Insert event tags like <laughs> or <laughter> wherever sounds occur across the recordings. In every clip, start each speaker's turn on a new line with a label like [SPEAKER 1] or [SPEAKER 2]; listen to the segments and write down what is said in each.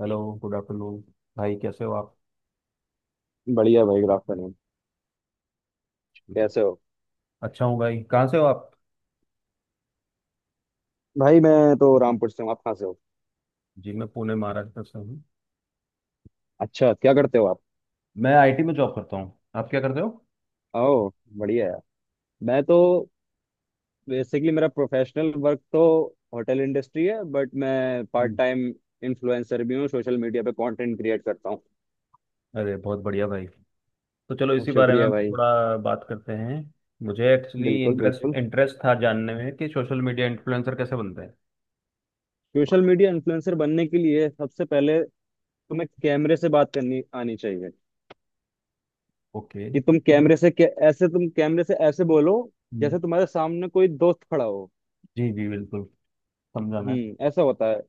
[SPEAKER 1] Hello. Good afternoon. भाई कैसे हो आप।
[SPEAKER 2] बढ़िया भाई, गुड आफ्टरनून। कैसे हो?
[SPEAKER 1] अच्छा हूँ भाई। कहाँ से हो आप।
[SPEAKER 2] भाई मैं तो रामपुर से हूँ, आप कहाँ से हो?
[SPEAKER 1] जी मैं पुणे महाराष्ट्र से हूँ।
[SPEAKER 2] अच्छा, क्या करते हो आप?
[SPEAKER 1] मैं आईटी में जॉब करता हूँ। आप क्या करते हो।
[SPEAKER 2] ओह, बढ़िया यार। मैं तो बेसिकली मेरा प्रोफेशनल वर्क तो होटल इंडस्ट्री है, बट मैं पार्ट
[SPEAKER 1] हम्म।
[SPEAKER 2] टाइम इन्फ्लुएंसर भी हूँ, सोशल मीडिया पे कंटेंट क्रिएट करता हूँ।
[SPEAKER 1] अरे बहुत बढ़िया भाई। तो चलो
[SPEAKER 2] और
[SPEAKER 1] इसी बारे
[SPEAKER 2] शुक्रिया
[SPEAKER 1] में
[SPEAKER 2] भाई।
[SPEAKER 1] थोड़ा बात करते हैं। मुझे एक्चुअली
[SPEAKER 2] बिल्कुल
[SPEAKER 1] इंटरेस्ट
[SPEAKER 2] बिल्कुल,
[SPEAKER 1] इंटरेस्ट था जानने में कि सोशल मीडिया इन्फ्लुएंसर कैसे बनते हैं।
[SPEAKER 2] सोशल मीडिया इन्फ्लुएंसर बनने के लिए सबसे पहले तुम्हें कैमरे से बात करनी आनी चाहिए।
[SPEAKER 1] ओके।
[SPEAKER 2] कि तुम कैमरे से ऐसे, तुम कैमरे से ऐसे बोलो
[SPEAKER 1] हम्म,
[SPEAKER 2] जैसे तुम्हारे सामने कोई दोस्त खड़ा हो।
[SPEAKER 1] जी जी बिल्कुल। समझा मैं।
[SPEAKER 2] हम्म, ऐसा होता है।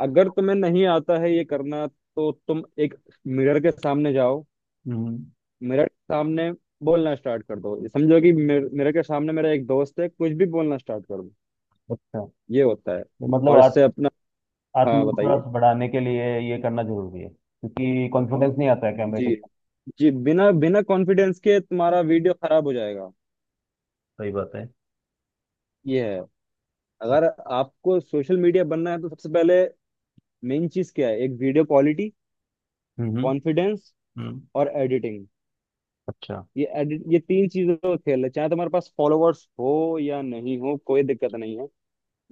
[SPEAKER 2] अगर तुम्हें नहीं आता है ये करना तो तुम एक मिरर के सामने जाओ।
[SPEAKER 1] हम्म।
[SPEAKER 2] मिरर के सामने बोलना स्टार्ट कर दो, ये समझो कि मिरर के सामने मेरा एक दोस्त है, कुछ भी बोलना स्टार्ट कर दो।
[SPEAKER 1] अच्छा।
[SPEAKER 2] ये होता है।
[SPEAKER 1] तो मतलब
[SPEAKER 2] और इससे अपना। हाँ बताइए।
[SPEAKER 1] आत्मविश्वास बढ़ाने के लिए ये करना जरूरी है क्योंकि कॉन्फिडेंस नहीं आता है कैमरे
[SPEAKER 2] जी
[SPEAKER 1] के साथ।
[SPEAKER 2] जी, बिना बिना कॉन्फिडेंस के तुम्हारा वीडियो खराब हो जाएगा।
[SPEAKER 1] सही बात है।
[SPEAKER 2] ये है। अगर
[SPEAKER 1] अच्छा।
[SPEAKER 2] आपको सोशल मीडिया बनना है तो सबसे पहले मेन चीज क्या है, एक वीडियो क्वालिटी,
[SPEAKER 1] हम्म।
[SPEAKER 2] कॉन्फिडेंस
[SPEAKER 1] हम्म।
[SPEAKER 2] और एडिटिंग।
[SPEAKER 1] अच्छा।
[SPEAKER 2] ये तीन चीजों का खेल है। चाहे तुम्हारे पास फॉलोवर्स हो या नहीं हो, कोई दिक्कत नहीं है।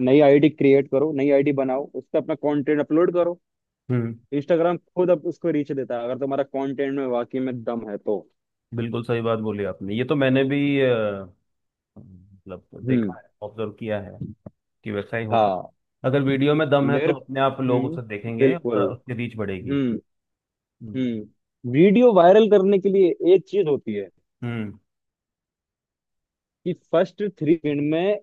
[SPEAKER 2] नई आईडी क्रिएट करो, नई आईडी बनाओ, उस पर अपना कंटेंट अपलोड करो।
[SPEAKER 1] हम्म।
[SPEAKER 2] इंस्टाग्राम खुद अब उसको रीच देता है अगर तुम्हारा कंटेंट में वाकई में दम है तो।
[SPEAKER 1] बिल्कुल सही बात बोली आपने। ये तो मैंने भी मतलब देखा
[SPEAKER 2] हम्म।
[SPEAKER 1] है, ऑब्जर्व किया है कि वैसा ही होता
[SPEAKER 2] हाँ।
[SPEAKER 1] है। अगर वीडियो में दम है
[SPEAKER 2] मेरे
[SPEAKER 1] तो अपने आप लोग उसे देखेंगे
[SPEAKER 2] बिल्कुल।
[SPEAKER 1] और उसकी रीच बढ़ेगी।
[SPEAKER 2] हम्म।
[SPEAKER 1] हम्म।
[SPEAKER 2] हम्म, वीडियो वायरल करने के लिए एक चीज होती है
[SPEAKER 1] हम्म।
[SPEAKER 2] कि फर्स्ट 3 सेकंड में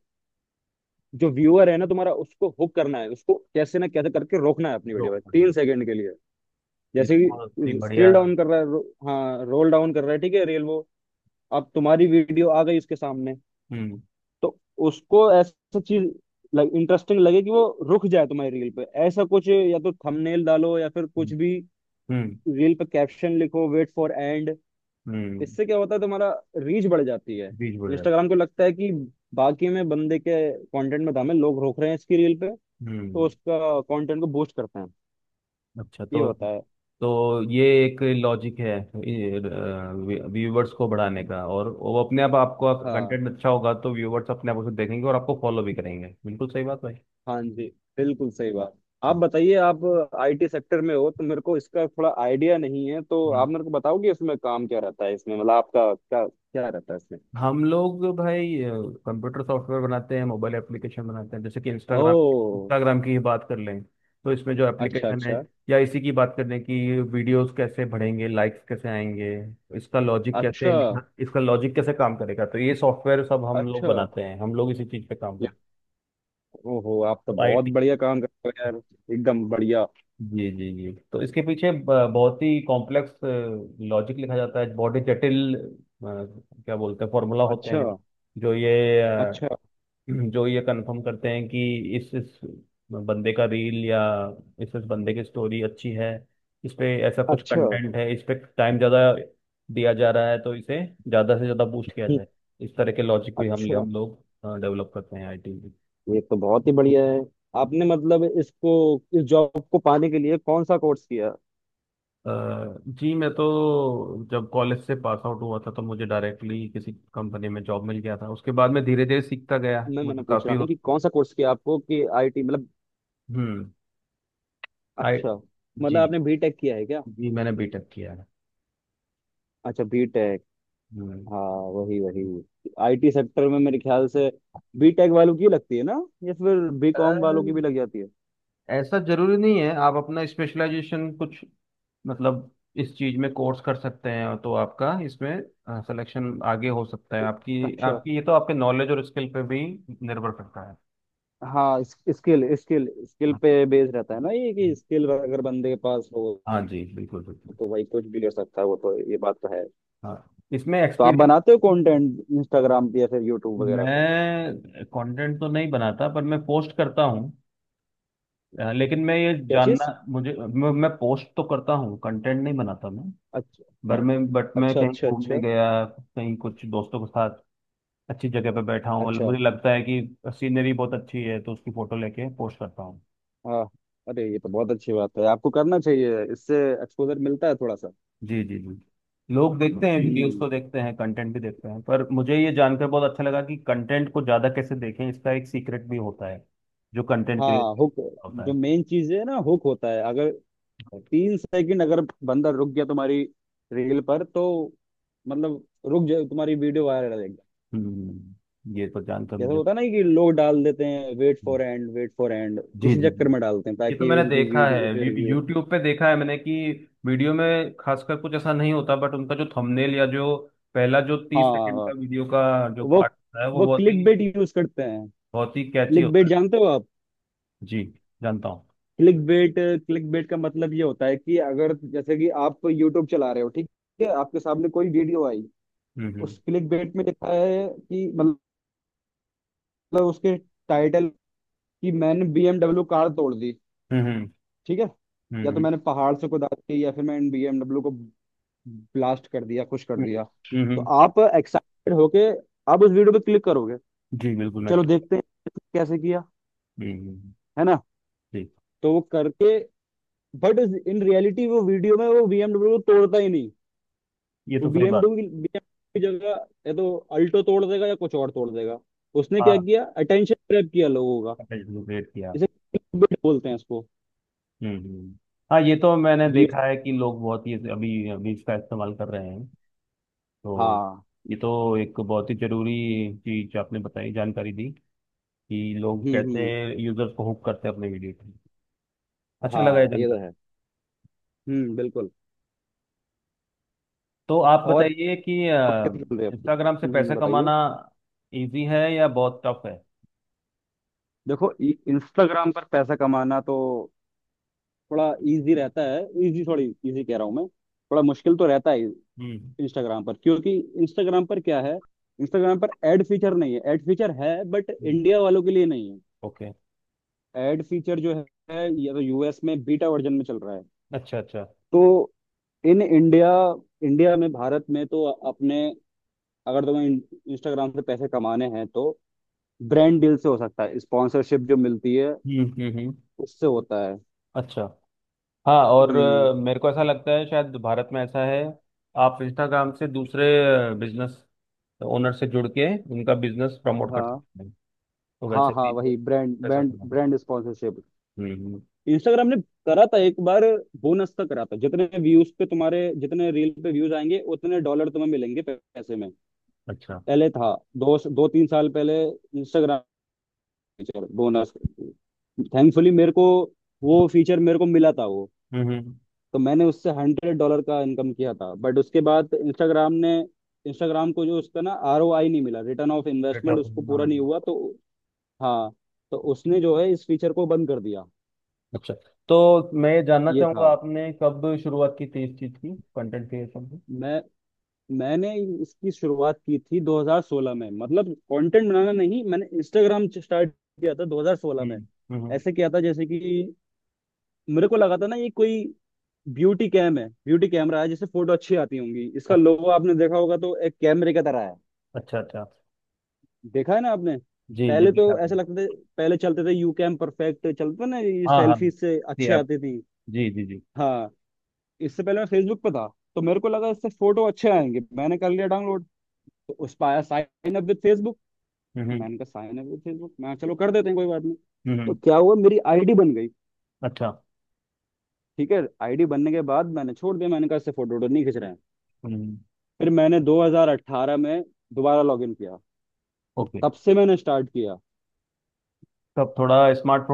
[SPEAKER 2] जो व्यूअर है ना तुम्हारा, उसको हुक करना है। उसको कैसे ना कैसे करके रोकना है अपनी वीडियो में
[SPEAKER 1] लोग
[SPEAKER 2] तीन
[SPEAKER 1] बढ़ेंगे।
[SPEAKER 2] सेकंड के लिए।
[SPEAKER 1] ये तो
[SPEAKER 2] जैसे
[SPEAKER 1] बहुत ही
[SPEAKER 2] कि
[SPEAKER 1] बढ़िया।
[SPEAKER 2] स्क्रिल डाउन कर रहा है, हाँ, रोल डाउन कर रहा है, ठीक है, रेल वो, अब तुम्हारी वीडियो आ गई उसके सामने।
[SPEAKER 1] हम्म।
[SPEAKER 2] तो उसको ऐसा चीज लाइक इंटरेस्टिंग लगे कि वो रुक जाए तुम्हारी रील पे। ऐसा कुछ या तो थंबनेल डालो या फिर कुछ
[SPEAKER 1] हम्म।
[SPEAKER 2] भी,
[SPEAKER 1] हम्म।
[SPEAKER 2] रील पे कैप्शन लिखो, वेट फॉर एंड।
[SPEAKER 1] हम्म,
[SPEAKER 2] इससे क्या होता है, तुम्हारा रीच बढ़ जाती है।
[SPEAKER 1] रीच बढ़ेगा।
[SPEAKER 2] इंस्टाग्राम को लगता है कि बाकी में बंदे के कंटेंट में दम है, लोग रोक रहे हैं इसकी रील पे, तो
[SPEAKER 1] हम्म।
[SPEAKER 2] उसका कंटेंट को बूस्ट करते हैं।
[SPEAKER 1] अच्छा,
[SPEAKER 2] ये होता है।
[SPEAKER 1] तो ये एक लॉजिक है व्यूवर्स को बढ़ाने का। और वो अपने आप आपका
[SPEAKER 2] हाँ।
[SPEAKER 1] कंटेंट अच्छा होगा तो व्यूवर्स अपने आप उसे देखेंगे और आपको फॉलो भी करेंगे। बिल्कुल सही बात भाई।
[SPEAKER 2] हाँ जी, बिल्कुल सही बात। आप बताइए, आप आईटी सेक्टर में हो तो मेरे को इसका थोड़ा आइडिया नहीं है, तो
[SPEAKER 1] हम्म।
[SPEAKER 2] आप मेरे को बताओगे इसमें काम क्या रहता है, इसमें मतलब आपका क्या क्या रहता है इसमें।
[SPEAKER 1] हम लोग भाई कंप्यूटर सॉफ्टवेयर बनाते हैं, मोबाइल एप्लीकेशन बनाते हैं, जैसे कि इंस्टाग्राम।
[SPEAKER 2] ओ,
[SPEAKER 1] इंस्टाग्राम की ही बात कर लें तो इसमें जो
[SPEAKER 2] अच्छा
[SPEAKER 1] एप्लीकेशन है,
[SPEAKER 2] अच्छा
[SPEAKER 1] या इसी की बात कर लें कि वीडियोस कैसे बढ़ेंगे, लाइक्स कैसे आएंगे, इसका लॉजिक कैसे,
[SPEAKER 2] अच्छा।
[SPEAKER 1] इसका लॉजिक कैसे काम करेगा, तो ये सॉफ्टवेयर सब हम लोग
[SPEAKER 2] अच्छा।
[SPEAKER 1] बनाते हैं। हम लोग इसी चीज़ पे काम
[SPEAKER 2] या-
[SPEAKER 1] करते
[SPEAKER 2] ओहो, आप तो
[SPEAKER 1] हैं तो
[SPEAKER 2] बहुत
[SPEAKER 1] आईटी।
[SPEAKER 2] बढ़िया काम कर रहे हो यार, एकदम बढ़िया।
[SPEAKER 1] जी जी जी, तो इसके पीछे बहुत ही कॉम्प्लेक्स लॉजिक लिखा जाता है, बहुत ही जटिल क्या बोलते हैं, फॉर्मूला होते
[SPEAKER 2] अच्छा
[SPEAKER 1] हैं जो ये,
[SPEAKER 2] अच्छा
[SPEAKER 1] जो ये कंफर्म करते हैं कि इस बंदे का रील या इस बंदे की स्टोरी अच्छी है, इस पे ऐसा कुछ
[SPEAKER 2] अच्छा।
[SPEAKER 1] कंटेंट है, इस पे टाइम ज़्यादा दिया जा रहा है, तो इसे ज़्यादा से ज़्यादा बूस्ट किया
[SPEAKER 2] हम्म,
[SPEAKER 1] जाए। इस तरह के लॉजिक भी हम
[SPEAKER 2] अच्छा।
[SPEAKER 1] हम लोग डेवलप करते हैं आईटी में।
[SPEAKER 2] ये तो बहुत ही बढ़िया है। आपने मतलब इसको, इस जॉब को पाने के लिए कौन सा कोर्स किया?
[SPEAKER 1] अ, जी मैं तो जब कॉलेज से पास आउट हुआ था तो मुझे डायरेक्टली किसी कंपनी में जॉब मिल गया था। उसके बाद मैं धीरे धीरे सीखता गया,
[SPEAKER 2] मैं
[SPEAKER 1] मुझे
[SPEAKER 2] मैंने पूछ
[SPEAKER 1] काफ़ी।
[SPEAKER 2] रहा हूँ कि कौन सा कोर्स किया आपको, कि आईटी मतलब।
[SPEAKER 1] हम्म। आई
[SPEAKER 2] अच्छा। मतलब
[SPEAKER 1] जी
[SPEAKER 2] आपने बीटेक किया है क्या?
[SPEAKER 1] जी मैंने बीटेक किया है।
[SPEAKER 2] अच्छा, बीटेक। हाँ, वही वही। आईटी सेक्टर में मेरे ख्याल से बीटेक वालों की लगती है ना, या फिर बीकॉम वालों की भी
[SPEAKER 1] हम्म।
[SPEAKER 2] लग जाती है।
[SPEAKER 1] ऐसा जरूरी नहीं है, आप अपना स्पेशलाइजेशन कुछ, मतलब इस चीज में कोर्स कर सकते हैं तो आपका इसमें सिलेक्शन आगे हो सकता है। आपकी
[SPEAKER 2] अच्छा।
[SPEAKER 1] आपकी ये तो आपके नॉलेज और स्किल पे भी निर्भर करता है।
[SPEAKER 2] हाँ, स्किल, स्किल, स्किल
[SPEAKER 1] हाँ।
[SPEAKER 2] पे बेस रहता है ना, ये कि स्किल अगर बंदे के पास हो
[SPEAKER 1] हाँ जी बिल्कुल बिल्कुल।
[SPEAKER 2] तो भाई कुछ भी कर सकता है वो तो, ये बात तो है।
[SPEAKER 1] हाँ, इसमें
[SPEAKER 2] तो आप
[SPEAKER 1] एक्सपीरियंस।
[SPEAKER 2] बनाते हो कंटेंट इंस्टाग्राम पे या फिर यूट्यूब वगैरह पे?
[SPEAKER 1] मैं कंटेंट तो नहीं बनाता पर मैं पोस्ट करता हूँ। लेकिन मैं ये
[SPEAKER 2] क्या
[SPEAKER 1] जानना,
[SPEAKER 2] चीज?
[SPEAKER 1] मुझे मैं पोस्ट तो करता हूँ, कंटेंट नहीं बनाता मैं।
[SPEAKER 2] अच्छा
[SPEAKER 1] पर मैं बट मैं
[SPEAKER 2] अच्छा
[SPEAKER 1] कहीं
[SPEAKER 2] अच्छा।
[SPEAKER 1] घूमने
[SPEAKER 2] अच्छा।
[SPEAKER 1] गया, कहीं कुछ दोस्तों के साथ अच्छी जगह पे बैठा हूँ, मतलब
[SPEAKER 2] अच्छा।
[SPEAKER 1] मुझे लगता है कि सीनरी बहुत अच्छी है तो उसकी फोटो लेके पोस्ट करता हूँ।
[SPEAKER 2] हाँ। अरे ये तो बहुत अच्छी बात है, आपको करना चाहिए, इससे एक्सपोजर मिलता है थोड़ा सा।
[SPEAKER 1] जी जी जी, लोग देखते हैं, वीडियोस
[SPEAKER 2] हम्म।
[SPEAKER 1] को देखते हैं, कंटेंट भी देखते हैं, पर मुझे ये जानकर बहुत अच्छा लगा कि कंटेंट को ज़्यादा कैसे देखें इसका एक सीक्रेट भी होता है जो कंटेंट क्रिएट
[SPEAKER 2] हाँ, हुक,
[SPEAKER 1] होता
[SPEAKER 2] जो
[SPEAKER 1] है।
[SPEAKER 2] मेन चीज है ना, हुक होता है। अगर 3 सेकंड अगर बंदा रुक गया तुम्हारी रील पर तो मतलब, रुक जाए, तुम्हारी वीडियो वायरल हो जाएगी।
[SPEAKER 1] हम्म, ये तो जानकर
[SPEAKER 2] जैसे
[SPEAKER 1] मुझे।
[SPEAKER 2] होता है ना कि लोग डाल देते हैं वेट
[SPEAKER 1] हम्म,
[SPEAKER 2] for end, wait for end,
[SPEAKER 1] जी
[SPEAKER 2] इसी
[SPEAKER 1] जी जी,
[SPEAKER 2] चक्कर में डालते हैं
[SPEAKER 1] ये तो
[SPEAKER 2] ताकि
[SPEAKER 1] मैंने
[SPEAKER 2] उनकी
[SPEAKER 1] देखा
[SPEAKER 2] वीडियो
[SPEAKER 1] है,
[SPEAKER 2] पे व्यू।
[SPEAKER 1] यूट्यूब पे देखा है मैंने कि वीडियो में खासकर कुछ ऐसा नहीं होता, बट उनका जो थंबनेल या जो पहला जो तीस सेकंड
[SPEAKER 2] हाँ।
[SPEAKER 1] का वीडियो का जो
[SPEAKER 2] वो
[SPEAKER 1] पार्ट होता है वो
[SPEAKER 2] वो
[SPEAKER 1] बहुत ही,
[SPEAKER 2] क्लिक बेट यूज करते हैं।
[SPEAKER 1] बहुत ही कैची
[SPEAKER 2] क्लिक
[SPEAKER 1] होता
[SPEAKER 2] बेट
[SPEAKER 1] है।
[SPEAKER 2] जानते हो आप?
[SPEAKER 1] जी, जानता हूँ।
[SPEAKER 2] क्लिक बेट, क्लिक बेट का मतलब ये होता है कि अगर जैसे कि आप यूट्यूब चला रहे हो, ठीक है, आपके सामने कोई वीडियो आई,
[SPEAKER 1] हम्म।
[SPEAKER 2] उस क्लिक बेट में लिखा है कि मतलब उसके टाइटल, कि मैंने बीएमडब्ल्यू कार तोड़ दी,
[SPEAKER 1] हम्म। हम्म।
[SPEAKER 2] ठीक है, या तो
[SPEAKER 1] हम्म।
[SPEAKER 2] मैंने पहाड़ से कुदा दी या फिर मैंने बीएमडब्ल्यू को ब्लास्ट कर दिया, खुश कर दिया।
[SPEAKER 1] हम्म।
[SPEAKER 2] तो आप एक्साइटेड होके आप उस वीडियो पे क्लिक करोगे,
[SPEAKER 1] जी बिल्कुल मैं।
[SPEAKER 2] चलो देखते हैं कैसे किया,
[SPEAKER 1] हम्म।
[SPEAKER 2] है ना।
[SPEAKER 1] जी
[SPEAKER 2] तो वो करके, बट इन रियलिटी वो वीडियो में वो बीएमडब्ल्यू को तोड़ता ही नहीं।
[SPEAKER 1] ये
[SPEAKER 2] वो
[SPEAKER 1] तो सही बात।
[SPEAKER 2] बीएमडब्ल्यू की BMW की जगह या तो अल्टो तोड़ देगा या कुछ और तोड़ देगा। उसने क्या
[SPEAKER 1] हाँ,
[SPEAKER 2] किया, अटेंशन ग्रैब किया लोगों का।
[SPEAKER 1] क्रिएट किया।
[SPEAKER 2] इसे clickbait बोलते हैं इसको।
[SPEAKER 1] हम्म। हम्म। हाँ ये तो मैंने
[SPEAKER 2] व्यू।
[SPEAKER 1] देखा है कि लोग बहुत ही अभी अभी इसका इस्तेमाल कर रहे हैं। तो
[SPEAKER 2] हाँ।
[SPEAKER 1] ये तो एक बहुत ही जरूरी चीज आपने बताई, जानकारी दी कि लोग
[SPEAKER 2] हम्म।
[SPEAKER 1] कैसे
[SPEAKER 2] हम्म।
[SPEAKER 1] यूजर्स को हुक करते हैं अपने वीडियो पे। अच्छा लगा ये
[SPEAKER 2] हाँ ये तो
[SPEAKER 1] जानकारी।
[SPEAKER 2] है। हम्म, बिल्कुल।
[SPEAKER 1] तो आप
[SPEAKER 2] और
[SPEAKER 1] बताइए कि
[SPEAKER 2] आप कैसे चल रहे हैं आपके?
[SPEAKER 1] इंस्टाग्राम से पैसे
[SPEAKER 2] बताइए।
[SPEAKER 1] कमाना इजी है या बहुत टफ है।
[SPEAKER 2] देखो, इंस्टाग्राम पर पैसा कमाना तो थोड़ा इजी रहता है। इजी, थोड़ी इजी कह रहा हूँ मैं, थोड़ा मुश्किल तो रहता है
[SPEAKER 1] हम्म।
[SPEAKER 2] इंस्टाग्राम पर, क्योंकि इंस्टाग्राम पर क्या है, इंस्टाग्राम पर एड फीचर नहीं है। एड फीचर है बट
[SPEAKER 1] हम्म।
[SPEAKER 2] इंडिया वालों के लिए नहीं है।
[SPEAKER 1] ओके।
[SPEAKER 2] एड फीचर जो है या तो यूएस में बीटा वर्जन में चल रहा है।
[SPEAKER 1] अच्छा अच्छा।
[SPEAKER 2] तो इन इंडिया, इंडिया में, भारत में तो अपने, अगर तुम्हें इंस्टाग्राम से पैसे कमाने हैं तो ब्रांड डील से हो सकता है, स्पॉन्सरशिप जो मिलती है
[SPEAKER 1] हम्म।
[SPEAKER 2] उससे होता है।
[SPEAKER 1] अच्छा। हाँ, और
[SPEAKER 2] हम्म।
[SPEAKER 1] मेरे को ऐसा लगता है शायद भारत में ऐसा है। आप इंस्टाग्राम से दूसरे बिजनेस ओनर से जुड़ के उनका बिजनेस प्रमोट कर
[SPEAKER 2] हाँ
[SPEAKER 1] सकते हैं, तो
[SPEAKER 2] हाँ,
[SPEAKER 1] वैसे
[SPEAKER 2] हाँ
[SPEAKER 1] भी
[SPEAKER 2] वही, ब्रांड,
[SPEAKER 1] पैसा
[SPEAKER 2] ब्रांड,
[SPEAKER 1] कमाना।
[SPEAKER 2] Brand sponsorship.
[SPEAKER 1] हम्म।
[SPEAKER 2] इंस्टाग्राम ने करा था एक बार, बोनस का करा था, जितने व्यूज पे तुम्हारे, जितने रील पे व्यूज आएंगे उतने डॉलर तुम्हें मिलेंगे पैसे में।
[SPEAKER 1] अच्छा।
[SPEAKER 2] पहले था, दो दो तीन साल पहले फीचर, बोनस, थैंकफुली मेरे को वो फीचर मेरे को मिला था वो।
[SPEAKER 1] हम्म। हम्म।
[SPEAKER 2] तो मैंने उससे $100 का इनकम किया था। बट उसके बाद इंस्टाग्राम ने, इंस्टाग्राम को जो उसका ना आरओआई नहीं मिला, रिटर्न ऑफ
[SPEAKER 1] बेटा,
[SPEAKER 2] इन्वेस्टमेंट उसको पूरा
[SPEAKER 1] हाँ।
[SPEAKER 2] नहीं हुआ तो, हाँ, तो उसने जो है इस फीचर को बंद कर दिया।
[SPEAKER 1] अच्छा, तो मैं ये जानना
[SPEAKER 2] ये
[SPEAKER 1] चाहूंगा
[SPEAKER 2] था।
[SPEAKER 1] आपने कब शुरुआत की थी इस चीज की, कंटेंट क्रिएशन।
[SPEAKER 2] मैं मैंने इसकी शुरुआत की थी 2016 में, मतलब कंटेंट बनाना नहीं, मैंने इंस्टाग्राम स्टार्ट किया था 2016 में।
[SPEAKER 1] हम्म। हम्म।
[SPEAKER 2] ऐसे किया था जैसे कि मेरे को लगा था ना ये कोई ब्यूटी कैम है, ब्यूटी कैमरा है जिससे फोटो अच्छी आती होंगी,
[SPEAKER 1] अ-
[SPEAKER 2] इसका लोगो आपने देखा होगा तो एक कैमरे की तरह है।
[SPEAKER 1] अच्छा अच्छा अच्छा।
[SPEAKER 2] देखा है ना आपने?
[SPEAKER 1] जी जी
[SPEAKER 2] पहले
[SPEAKER 1] देखा
[SPEAKER 2] तो
[SPEAKER 1] आपने।
[SPEAKER 2] ऐसा लगता था, पहले चलते थे यू कैम परफेक्ट, चलते थे ना ये,
[SPEAKER 1] हाँ हाँ
[SPEAKER 2] सेल्फी से
[SPEAKER 1] जी
[SPEAKER 2] अच्छे
[SPEAKER 1] आप।
[SPEAKER 2] आती थी।
[SPEAKER 1] जी जी जी।
[SPEAKER 2] हाँ, इससे पहले मैं फेसबुक पे था, तो मेरे को लगा इससे फोटो अच्छे आएंगे, मैंने कर लिया डाउनलोड। तो उस पर आया साइन अप विद फेसबुक,
[SPEAKER 1] हम्म। हम्म।
[SPEAKER 2] मैंने कहा साइन अप विद फेसबुक, मैं चलो कर देते हैं, कोई बात नहीं।
[SPEAKER 1] हम्म,
[SPEAKER 2] तो
[SPEAKER 1] हम्म।
[SPEAKER 2] क्या हुआ, मेरी आईडी बन गई।
[SPEAKER 1] अच्छा।
[SPEAKER 2] ठीक है, आईडी बनने के बाद मैंने छोड़ दिया, मैंने कहा इससे फोटो वोटो नहीं खींच रहे हैं।
[SPEAKER 1] हम्म। हम्म।
[SPEAKER 2] फिर मैंने 2018 में दोबारा लॉगिन किया, तो
[SPEAKER 1] ओके,
[SPEAKER 2] तब से मैंने स्टार्ट किया।
[SPEAKER 1] तब थोड़ा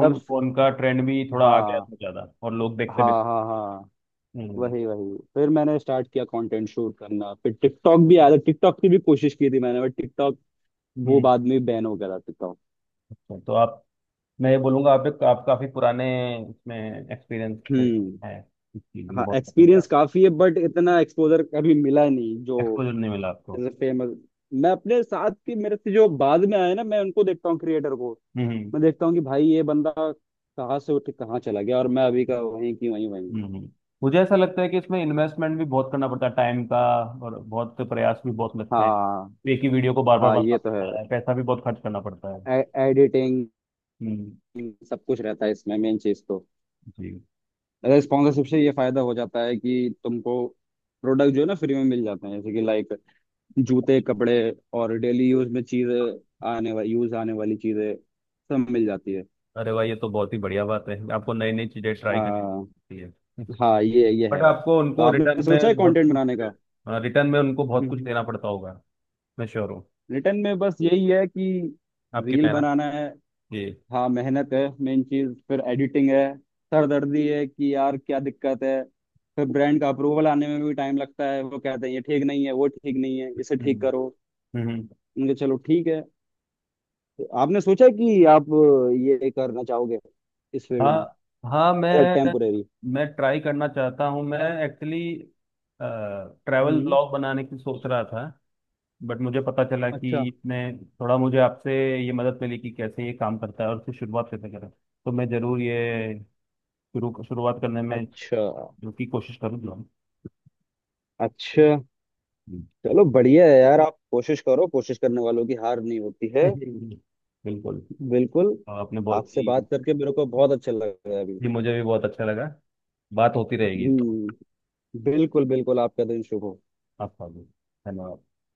[SPEAKER 2] तब से,
[SPEAKER 1] फोन का ट्रेंड भी थोड़ा आ गया
[SPEAKER 2] हाँ
[SPEAKER 1] था ज़्यादा और लोग देखते भी।
[SPEAKER 2] हाँ हाँ। हाँ,
[SPEAKER 1] हम्म। हम्म।
[SPEAKER 2] वही वही, फिर मैंने स्टार्ट किया कंटेंट शूट करना। फिर टिकटॉक भी आया था, टिकटॉक की भी कोशिश की थी मैंने, बट टिकटॉक वो
[SPEAKER 1] हम्म,
[SPEAKER 2] बाद में बैन हो गया था टिकटॉक।
[SPEAKER 1] अच्छा तो आप, मैं ये बोलूँगा आप एक आप काफ़ी पुराने इसमें, एक्सपीरियंस है
[SPEAKER 2] हम्म।
[SPEAKER 1] इस चीज़ में
[SPEAKER 2] हाँ,
[SPEAKER 1] बहुत पहले से
[SPEAKER 2] एक्सपीरियंस
[SPEAKER 1] आप।
[SPEAKER 2] काफी है बट इतना एक्सपोजर कभी मिला नहीं, जो
[SPEAKER 1] एक्सपोजर नहीं मिला आपको।
[SPEAKER 2] जैसे फेमस, मैं अपने साथ के, मेरे से जो बाद में आए ना, मैं उनको देखता हूँ क्रिएटर को,
[SPEAKER 1] हम्म। हम्म।
[SPEAKER 2] मैं देखता हूँ कि भाई ये बंदा कहाँ से उठ के कहाँ चला गया, और मैं अभी का वहीं की वहीं वहीं हूँ।
[SPEAKER 1] हम्म। मुझे ऐसा लगता है कि इसमें इन्वेस्टमेंट भी बहुत करना पड़ता है टाइम का, और बहुत प्रयास भी बहुत लगते हैं,
[SPEAKER 2] हाँ।
[SPEAKER 1] एक ही वीडियो को बार बार
[SPEAKER 2] हाँ
[SPEAKER 1] बनाना
[SPEAKER 2] ये तो
[SPEAKER 1] पड़ता है, पैसा भी बहुत खर्च करना पड़ता है।
[SPEAKER 2] है, एडिटिंग,
[SPEAKER 1] हम्म।
[SPEAKER 2] सब कुछ रहता है इसमें, मेन चीज तो
[SPEAKER 1] जी।
[SPEAKER 2] स्पॉन्सरशिप से ये फायदा हो जाता है कि तुमको प्रोडक्ट जो है ना फ्री में मिल जाते हैं, जैसे कि लाइक जूते, कपड़े, और डेली यूज में चीजें आने वाली, यूज आने वाली चीजें सब मिल जाती है।
[SPEAKER 1] अरे भाई ये तो बहुत ही बढ़िया बात है, आपको नई नई चीजें ट्राई
[SPEAKER 2] हाँ।
[SPEAKER 1] करनी है।
[SPEAKER 2] हाँ ये
[SPEAKER 1] बट
[SPEAKER 2] है।
[SPEAKER 1] आपको
[SPEAKER 2] तो
[SPEAKER 1] उनको रिटर्न
[SPEAKER 2] आपने सोचा है
[SPEAKER 1] में बहुत
[SPEAKER 2] कंटेंट
[SPEAKER 1] कुछ,
[SPEAKER 2] बनाने का? <laughs>
[SPEAKER 1] रिटर्न में उनको बहुत कुछ
[SPEAKER 2] हम्म,
[SPEAKER 1] देना पड़ता होगा। मैं श्योर हूँ।
[SPEAKER 2] रिटर्न में बस यही है कि
[SPEAKER 1] आपकी
[SPEAKER 2] रील
[SPEAKER 1] मेहनत।
[SPEAKER 2] बनाना है।
[SPEAKER 1] जी।
[SPEAKER 2] हाँ, मेहनत है, मेन चीज फिर एडिटिंग है, सरदर्दी है कि यार क्या दिक्कत है, फिर ब्रांड का अप्रूवल आने में भी टाइम लगता है, वो कहते हैं ये ठीक नहीं है, वो ठीक नहीं है, इसे ठीक
[SPEAKER 1] हम्म।
[SPEAKER 2] करो,
[SPEAKER 1] हम्म।
[SPEAKER 2] उनके, चलो ठीक है। तो आपने सोचा कि आप ये करना चाहोगे इस फील्ड में,
[SPEAKER 1] हाँ। हाँ
[SPEAKER 2] एज
[SPEAKER 1] मैं
[SPEAKER 2] टेम्पोरेरी?
[SPEAKER 1] मैं ट्राई करना चाहता हूँ। मैं एक्चुअली ट्रैवल
[SPEAKER 2] हम्म,
[SPEAKER 1] ब्लॉग बनाने की सोच रहा था, बट मुझे पता चला
[SPEAKER 2] अच्छा
[SPEAKER 1] कि इसमें थोड़ा, मुझे आपसे ये मदद मिली कि कैसे ये काम करता है और उसकी शुरुआत कैसे करें, तो मैं ज़रूर ये शुरू शुरुआत करने में
[SPEAKER 2] अच्छा
[SPEAKER 1] जो की कोशिश करूँगा।
[SPEAKER 2] अच्छा।
[SPEAKER 1] <laughs>
[SPEAKER 2] चलो, बढ़िया है यार, आप कोशिश करो, कोशिश करने वालों की हार नहीं होती है।
[SPEAKER 1] बिल्कुल।
[SPEAKER 2] बिल्कुल।
[SPEAKER 1] आपने बहुत
[SPEAKER 2] आपसे
[SPEAKER 1] ही,
[SPEAKER 2] बात करके मेरे को बहुत अच्छा लगा अभी।
[SPEAKER 1] ये मुझे भी बहुत अच्छा लगा, बात होती रहेगी तो।
[SPEAKER 2] हम्म, बिल्कुल बिल्कुल, आपका दिन शुभ हो।
[SPEAKER 1] आपका भी। धन्यवाद।